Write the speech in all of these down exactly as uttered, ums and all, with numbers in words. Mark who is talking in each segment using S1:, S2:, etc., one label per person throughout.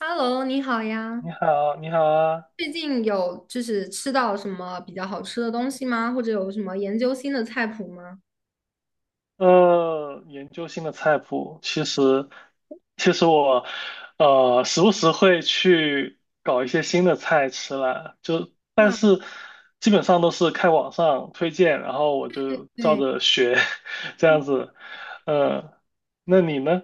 S1: Hello，你好呀！
S2: 你好，你好啊。
S1: 最近有就是吃到什么比较好吃的东西吗？或者有什么研究新的菜谱吗？
S2: 呃，研究新的菜谱，其实，其实我，呃，时不时会去搞一些新的菜吃啦，就，但
S1: 啊，
S2: 是基本上都是看网上推荐，然后我就照
S1: 对，
S2: 着学，这样子。呃，那你呢？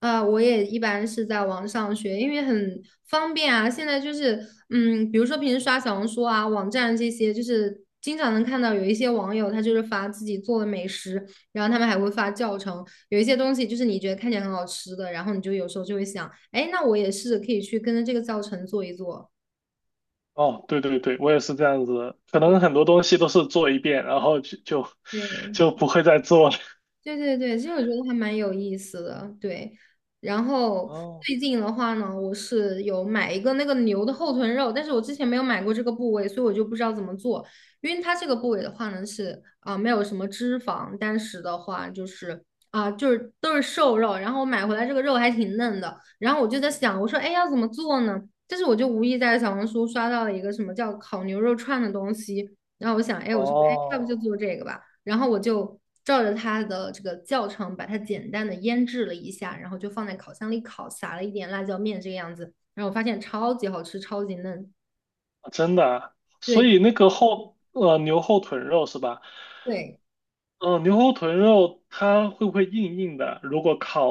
S1: 啊，我也一般是在网上学，因为很方便啊。现在就是，嗯，比如说平时刷小红书啊、网站这些，就是经常能看到有一些网友他就是发自己做的美食，然后他们还会发教程。有一些东西就是你觉得看起来很好吃的，然后你就有时候就会想，哎，那我也试着可以去跟着这个教程做一做。
S2: 哦，对对对，我也是这样子的，可能很多东西都是做一遍，然后就就
S1: 对。
S2: 就不会再做了。
S1: 对对对，其实我觉得还蛮有意思的，对。然 后
S2: 哦
S1: 最近的话呢，我是有买一个那个牛的后臀肉，但是我之前没有买过这个部位，所以我就不知道怎么做。因为它这个部位的话呢，是啊、没有什么脂肪，但是的话就是啊、就是都是瘦肉。然后我买回来这个肉还挺嫩的，然后我就在想，我说哎要怎么做呢？但是我就无意在小红书刷到了一个什么叫烤牛肉串的东西，然后我想哎我说哎要不
S2: 哦，
S1: 就做这个吧。然后我就照着它的这个教程，把它简单的腌制了一下，然后就放在烤箱里烤，撒了一点辣椒面这个样子，然后我发现超级好吃，超级嫩。
S2: 真的啊，所
S1: 对
S2: 以那个后呃牛后臀肉是吧？
S1: 对，
S2: 嗯、牛后臀肉它会不会硬硬的？如果烤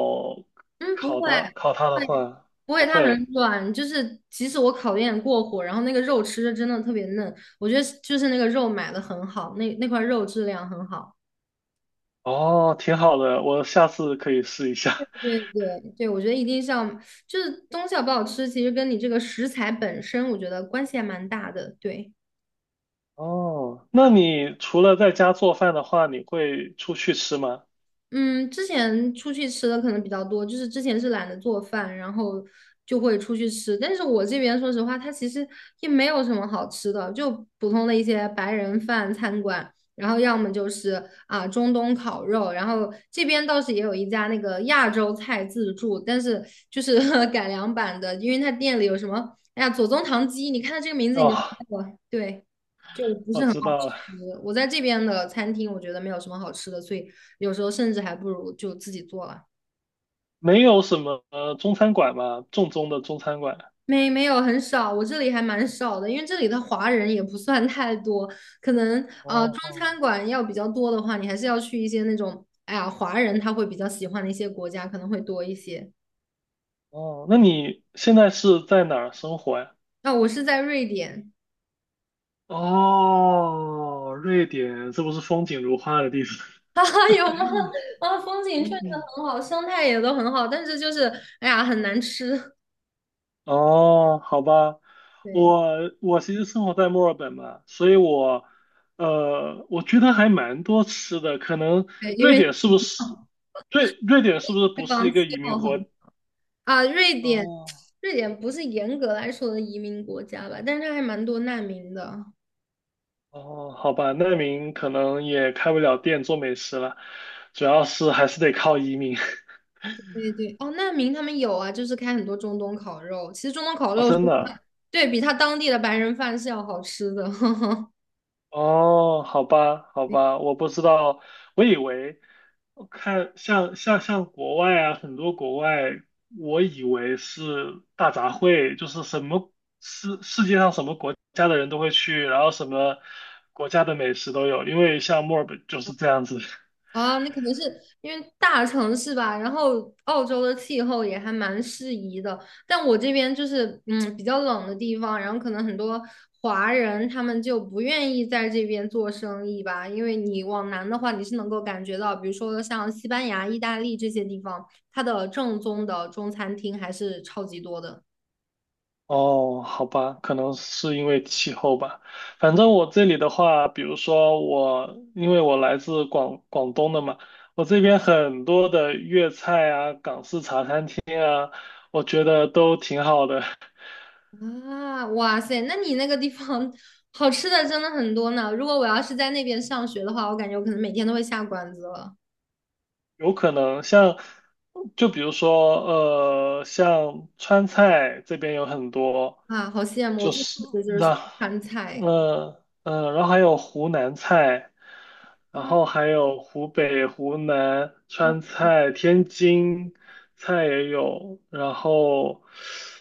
S1: 嗯，不
S2: 烤
S1: 会。
S2: 它烤它的
S1: 会
S2: 话，
S1: 不
S2: 不
S1: 会，它很
S2: 会。
S1: 软，就是即使我烤的有点过火，然后那个肉吃着真的特别嫩，我觉得就是那个肉买的很好，那那块肉质量很好。
S2: 哦，挺好的，我下次可以试一下。
S1: 对对对，我觉得一定是要，就是东西好不好吃，其实跟你这个食材本身，我觉得关系还蛮大的。对。
S2: 哦，那你除了在家做饭的话，你会出去吃吗？
S1: 嗯，之前出去吃的可能比较多，就是之前是懒得做饭，然后就会出去吃。但是我这边说实话，它其实也没有什么好吃的，就普通的一些白人饭餐馆，然后要么就是啊中东烤肉，然后这边倒是也有一家那个亚洲菜自助，但是就是 改良版的，因为它店里有什么，哎呀左宗棠鸡，你看它这个名字你
S2: 哦，
S1: 就知道了，对。就不
S2: 我
S1: 是很好
S2: 知道了，
S1: 吃。我在这边的餐厅，我觉得没有什么好吃的，所以有时候甚至还不如就自己做了。
S2: 没有什么呃中餐馆吗？正宗的中餐馆。
S1: 没没有很少，我这里还蛮少的，因为这里的华人也不算太多，可能呃中
S2: 哦
S1: 餐馆要比较多的话，你还是要去一些那种，哎呀，华人他会比较喜欢的一些国家，可能会多一些。
S2: 哦，那你现在是在哪儿生活呀？
S1: 啊、我是在瑞典。
S2: 哦，瑞典，这不是风景如画的地方？
S1: 哈哈有吗？啊，风景确实很 好，生态也都很好，但是就是，哎呀，很难吃。
S2: 哦，好吧，
S1: 对
S2: 我我其实生活在墨尔本嘛，所以我呃，我觉得还蛮多吃的。可能
S1: 对，因
S2: 瑞
S1: 为
S2: 典是不是 瑞瑞典是不是
S1: 这
S2: 不
S1: 地
S2: 是
S1: 方
S2: 一
S1: 气
S2: 个移民
S1: 候
S2: 国？
S1: 很啊，瑞典，
S2: 哦
S1: 瑞典不是严格来说的移民国家吧，但是它还蛮多难民的。
S2: 哦，好吧，难民可能也开不了店做美食了，主要是还是得靠移民。
S1: 对对，对，哦，难民他们有啊，就是开很多中东烤肉。其实中东烤
S2: 啊，
S1: 肉是，
S2: 真的。
S1: 对，比他当地的白人饭是要好吃的。
S2: 哦，好吧，好吧，我不知道，我以为。我看像像像国外啊，很多国外，我以为是大杂烩，就是什么世世界上什么国家的人都会去，然后什么国家的美食都有，因为像墨尔本就是这样子。
S1: 啊，那可能是因为大城市吧，然后澳洲的气候也还蛮适宜的，但我这边就是嗯比较冷的地方，然后可能很多华人他们就不愿意在这边做生意吧，因为你往南的话，你是能够感觉到，比如说像西班牙、意大利这些地方，它的正宗的中餐厅还是超级多的。
S2: 哦，好吧，可能是因为气候吧。反正我这里的话，比如说我，因为我来自广广东的嘛，我这边很多的粤菜啊、港式茶餐厅，我觉得都挺好的。
S1: 啊，哇塞，那你那个地方好吃的真的很多呢，如果我要是在那边上学的话，我感觉我可能每天都会下馆子了。
S2: 有可能像，就比如说，呃，像川菜这边有很多，
S1: 啊，好羡慕！我
S2: 就
S1: 最
S2: 是
S1: 想吃的就是
S2: 那，
S1: 川菜。
S2: 嗯嗯，然后还有湖南菜，然
S1: 嗯，
S2: 后还有湖北、湖南、
S1: 我
S2: 川菜、天津菜也有，然后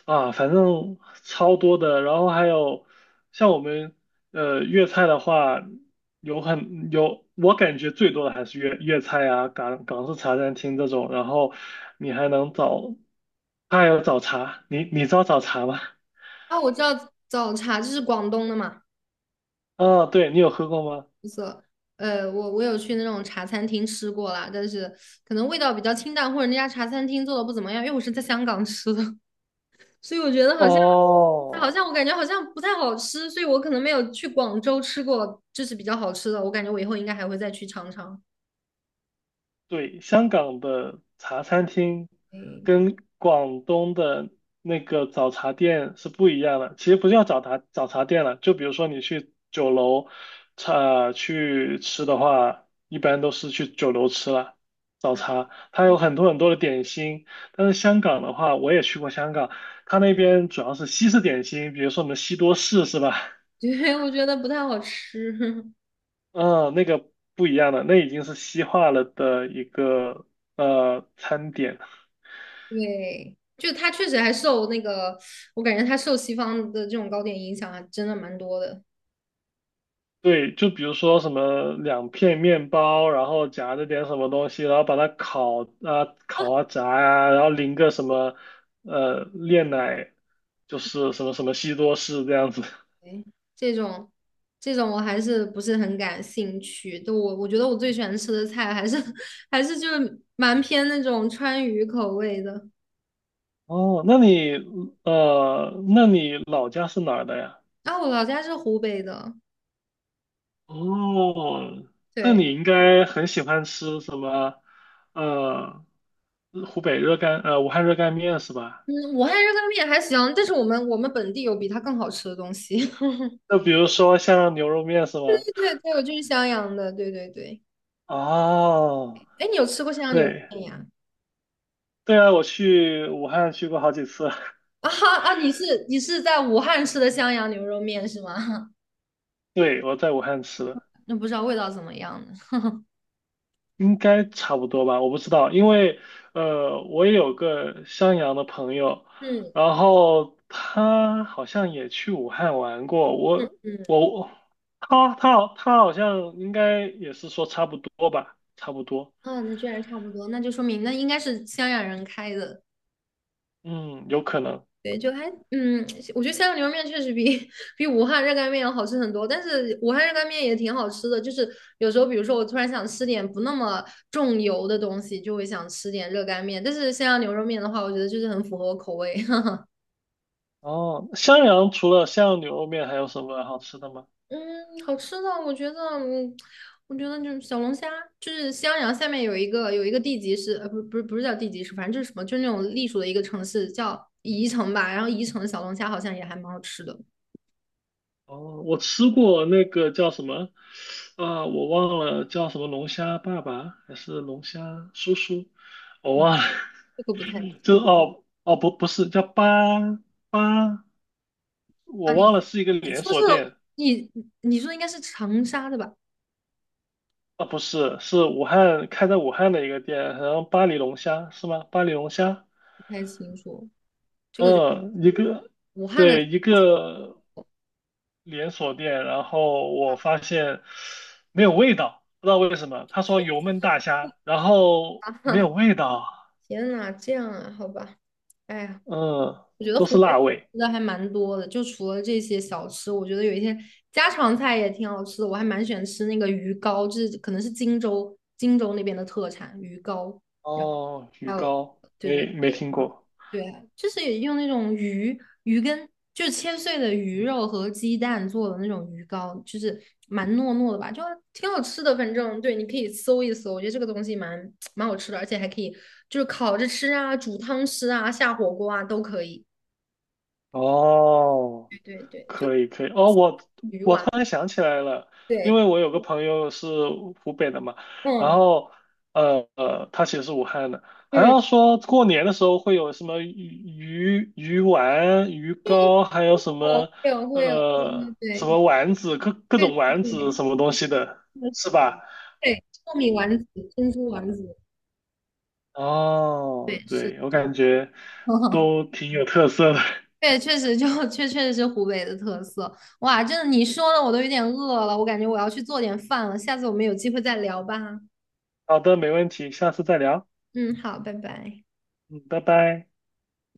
S2: 啊，反正超多的，然后还有像我们呃粤菜的话，有很有，我感觉最多的还是粤粤菜啊，港港式茶餐厅这种，然后你还能找，还有早茶，你你知道早茶吗？
S1: 啊，我知道早茶就是广东的嘛，
S2: 啊，对，你有喝过吗？
S1: 就是呃，我我有去那种茶餐厅吃过啦，但是可能味道比较清淡，或者那家茶餐厅做的不怎么样，因为我是在香港吃的，所以我觉得好像好
S2: 哦，
S1: 像我感觉好像不太好吃，所以我可能没有去广州吃过，就是比较好吃的，我感觉我以后应该还会再去尝尝。
S2: 对，香港的茶餐厅
S1: 哎，
S2: 跟广东的那个早茶店是不一样的。其实不叫早茶早茶店了，就比如说你去酒楼，茶去吃的话，一般都是去酒楼吃了。早
S1: 啊，
S2: 茶，它 有很多很多的点心，但是香港的话，我也去过香港，它那边主要是西式点心，比如说我们西多士是吧？
S1: 对，我觉得不太好吃。
S2: 嗯，那个不一样的，那已经是西化了的一个呃餐点。
S1: 对，就他确实还受那个，我感觉他受西方的这种糕点影响还真的蛮多的。
S2: 对，就比如说什么两片面包，然后夹着点什么东西，然后把它烤啊烤啊炸啊，然后淋个什么呃炼奶，就是什么什么西多士这样子。
S1: 对，这种这种我还是不是很感兴趣。就我我觉得我最喜欢吃的菜还是 还是就是蛮偏那种川渝口味的。
S2: 哦，那你呃，那你老家是哪儿的呀？
S1: 啊，我老家是湖北的，
S2: 哦，那
S1: 对，
S2: 你应该很喜欢吃什么？呃，湖北热干，呃，武汉热干面是吧？
S1: 嗯，武汉热干面还行，但是我们我们本地有比它更好吃的东西。
S2: 那比如说像牛肉面是
S1: 对
S2: 吧？
S1: 对对，我就是襄阳的，对对对。
S2: 哦，
S1: 哎，你有吃过襄阳牛肉
S2: 对，
S1: 面呀？
S2: 对啊，我去武汉去过好几次，
S1: 啊哈啊！你是你是在武汉吃的襄阳牛肉面是吗？
S2: 对，我在武汉吃的。
S1: 那不知道味道怎么样呢？
S2: 应该差不多吧，我不知道，因为呃，我也有个襄阳的朋友，
S1: 嗯
S2: 然后他好像也去武汉玩过，我
S1: 嗯
S2: 我他他他好像应该也是说差不多吧，差不多，
S1: 啊，那居然差不多，那就说明那应该是襄阳人开的。
S2: 嗯，有可能。
S1: 对，就还嗯，我觉得襄阳牛肉面确实比 比武汉热干面要好吃很多，但是武汉热干面也挺好吃的。就是有时候，比如说我突然想吃点不那么重油的东西，就会想吃点热干面。但是襄阳牛肉面的话，我觉得就是很符合我口味。
S2: 哦，襄阳除了襄阳牛肉面还有什么好吃的吗？
S1: 嗯，好吃的，我觉得，嗯，我觉得就是小龙虾，就是襄阳下面有一个有一个地级市，呃，不，不是不是叫地级市，反正就是什么，就是那种隶属的一个城市叫宜城吧。然后宜城的小龙虾好像也还蛮好吃的，
S2: 哦，我吃过那个叫什么，啊、我忘了叫什么龙虾爸爸还是龙虾叔叔，我
S1: 嗯，
S2: 忘了。
S1: 这个不太
S2: 就哦哦不不是叫八八，
S1: 啊，
S2: 我
S1: 你
S2: 忘了是一个连
S1: 说是
S2: 锁店。
S1: 你你说应该是长沙的吧？
S2: 啊，不是，是武汉，开在武汉的一个店，然后巴黎龙虾是吗？巴黎龙虾，
S1: 不太清楚，这个就
S2: 嗯，一个
S1: 武汉的，
S2: 对一个连锁店，然后我发现没有味道，不知道为什么，他说油焖大虾，然后没有 味道，
S1: 天呐，这样啊，好吧，哎呀。
S2: 嗯，
S1: 我觉得
S2: 都
S1: 湖
S2: 是
S1: 北
S2: 辣味。
S1: 吃的还蛮多的，就除了这些小吃，我觉得有一些家常菜也挺好吃的。我还蛮喜欢吃那个鱼糕，就是可能是荆州荆州那边的特产鱼糕。然后
S2: 哦，
S1: 还
S2: 鱼
S1: 有，
S2: 糕
S1: 对对
S2: 没没
S1: 对，
S2: 听
S1: 嗯
S2: 过。
S1: 对啊，就是也用那种鱼鱼跟就是切碎的鱼肉和鸡蛋做的那种鱼糕，就是蛮糯糯的吧，就挺好吃的。反正对，你可以搜一搜，我觉得这个东西蛮蛮好吃的，而且还可以就是烤着吃啊，煮汤吃啊，下火锅啊都可以。
S2: 哦，
S1: 对对对，就
S2: 可以可以哦，我
S1: 鱼
S2: 我突
S1: 丸。
S2: 然想起来了，因
S1: 对，
S2: 为我有个朋友是湖北的嘛，然
S1: 嗯
S2: 后呃呃，他其实是武汉的，好
S1: 嗯，
S2: 像说过年的时候会有什么鱼鱼鱼丸、鱼糕，还有什么
S1: 会有会有，对
S2: 呃
S1: 对
S2: 什
S1: 对
S2: 么丸子，各各
S1: 对
S2: 种
S1: 对
S2: 丸子
S1: 对，
S2: 什么东西的，
S1: 嗯
S2: 是吧？
S1: 对，糯米丸子、珍珠丸子，对
S2: 哦，
S1: 是，
S2: 对，我感觉 都挺有特色的。
S1: 对，确实就确确实是湖北的特色。哇，真的你说的我都有点饿了，我感觉我要去做点饭了，下次我们有机会再聊吧。
S2: 好的，没问题，下次再聊。
S1: 嗯，好，拜拜。
S2: 嗯，拜拜。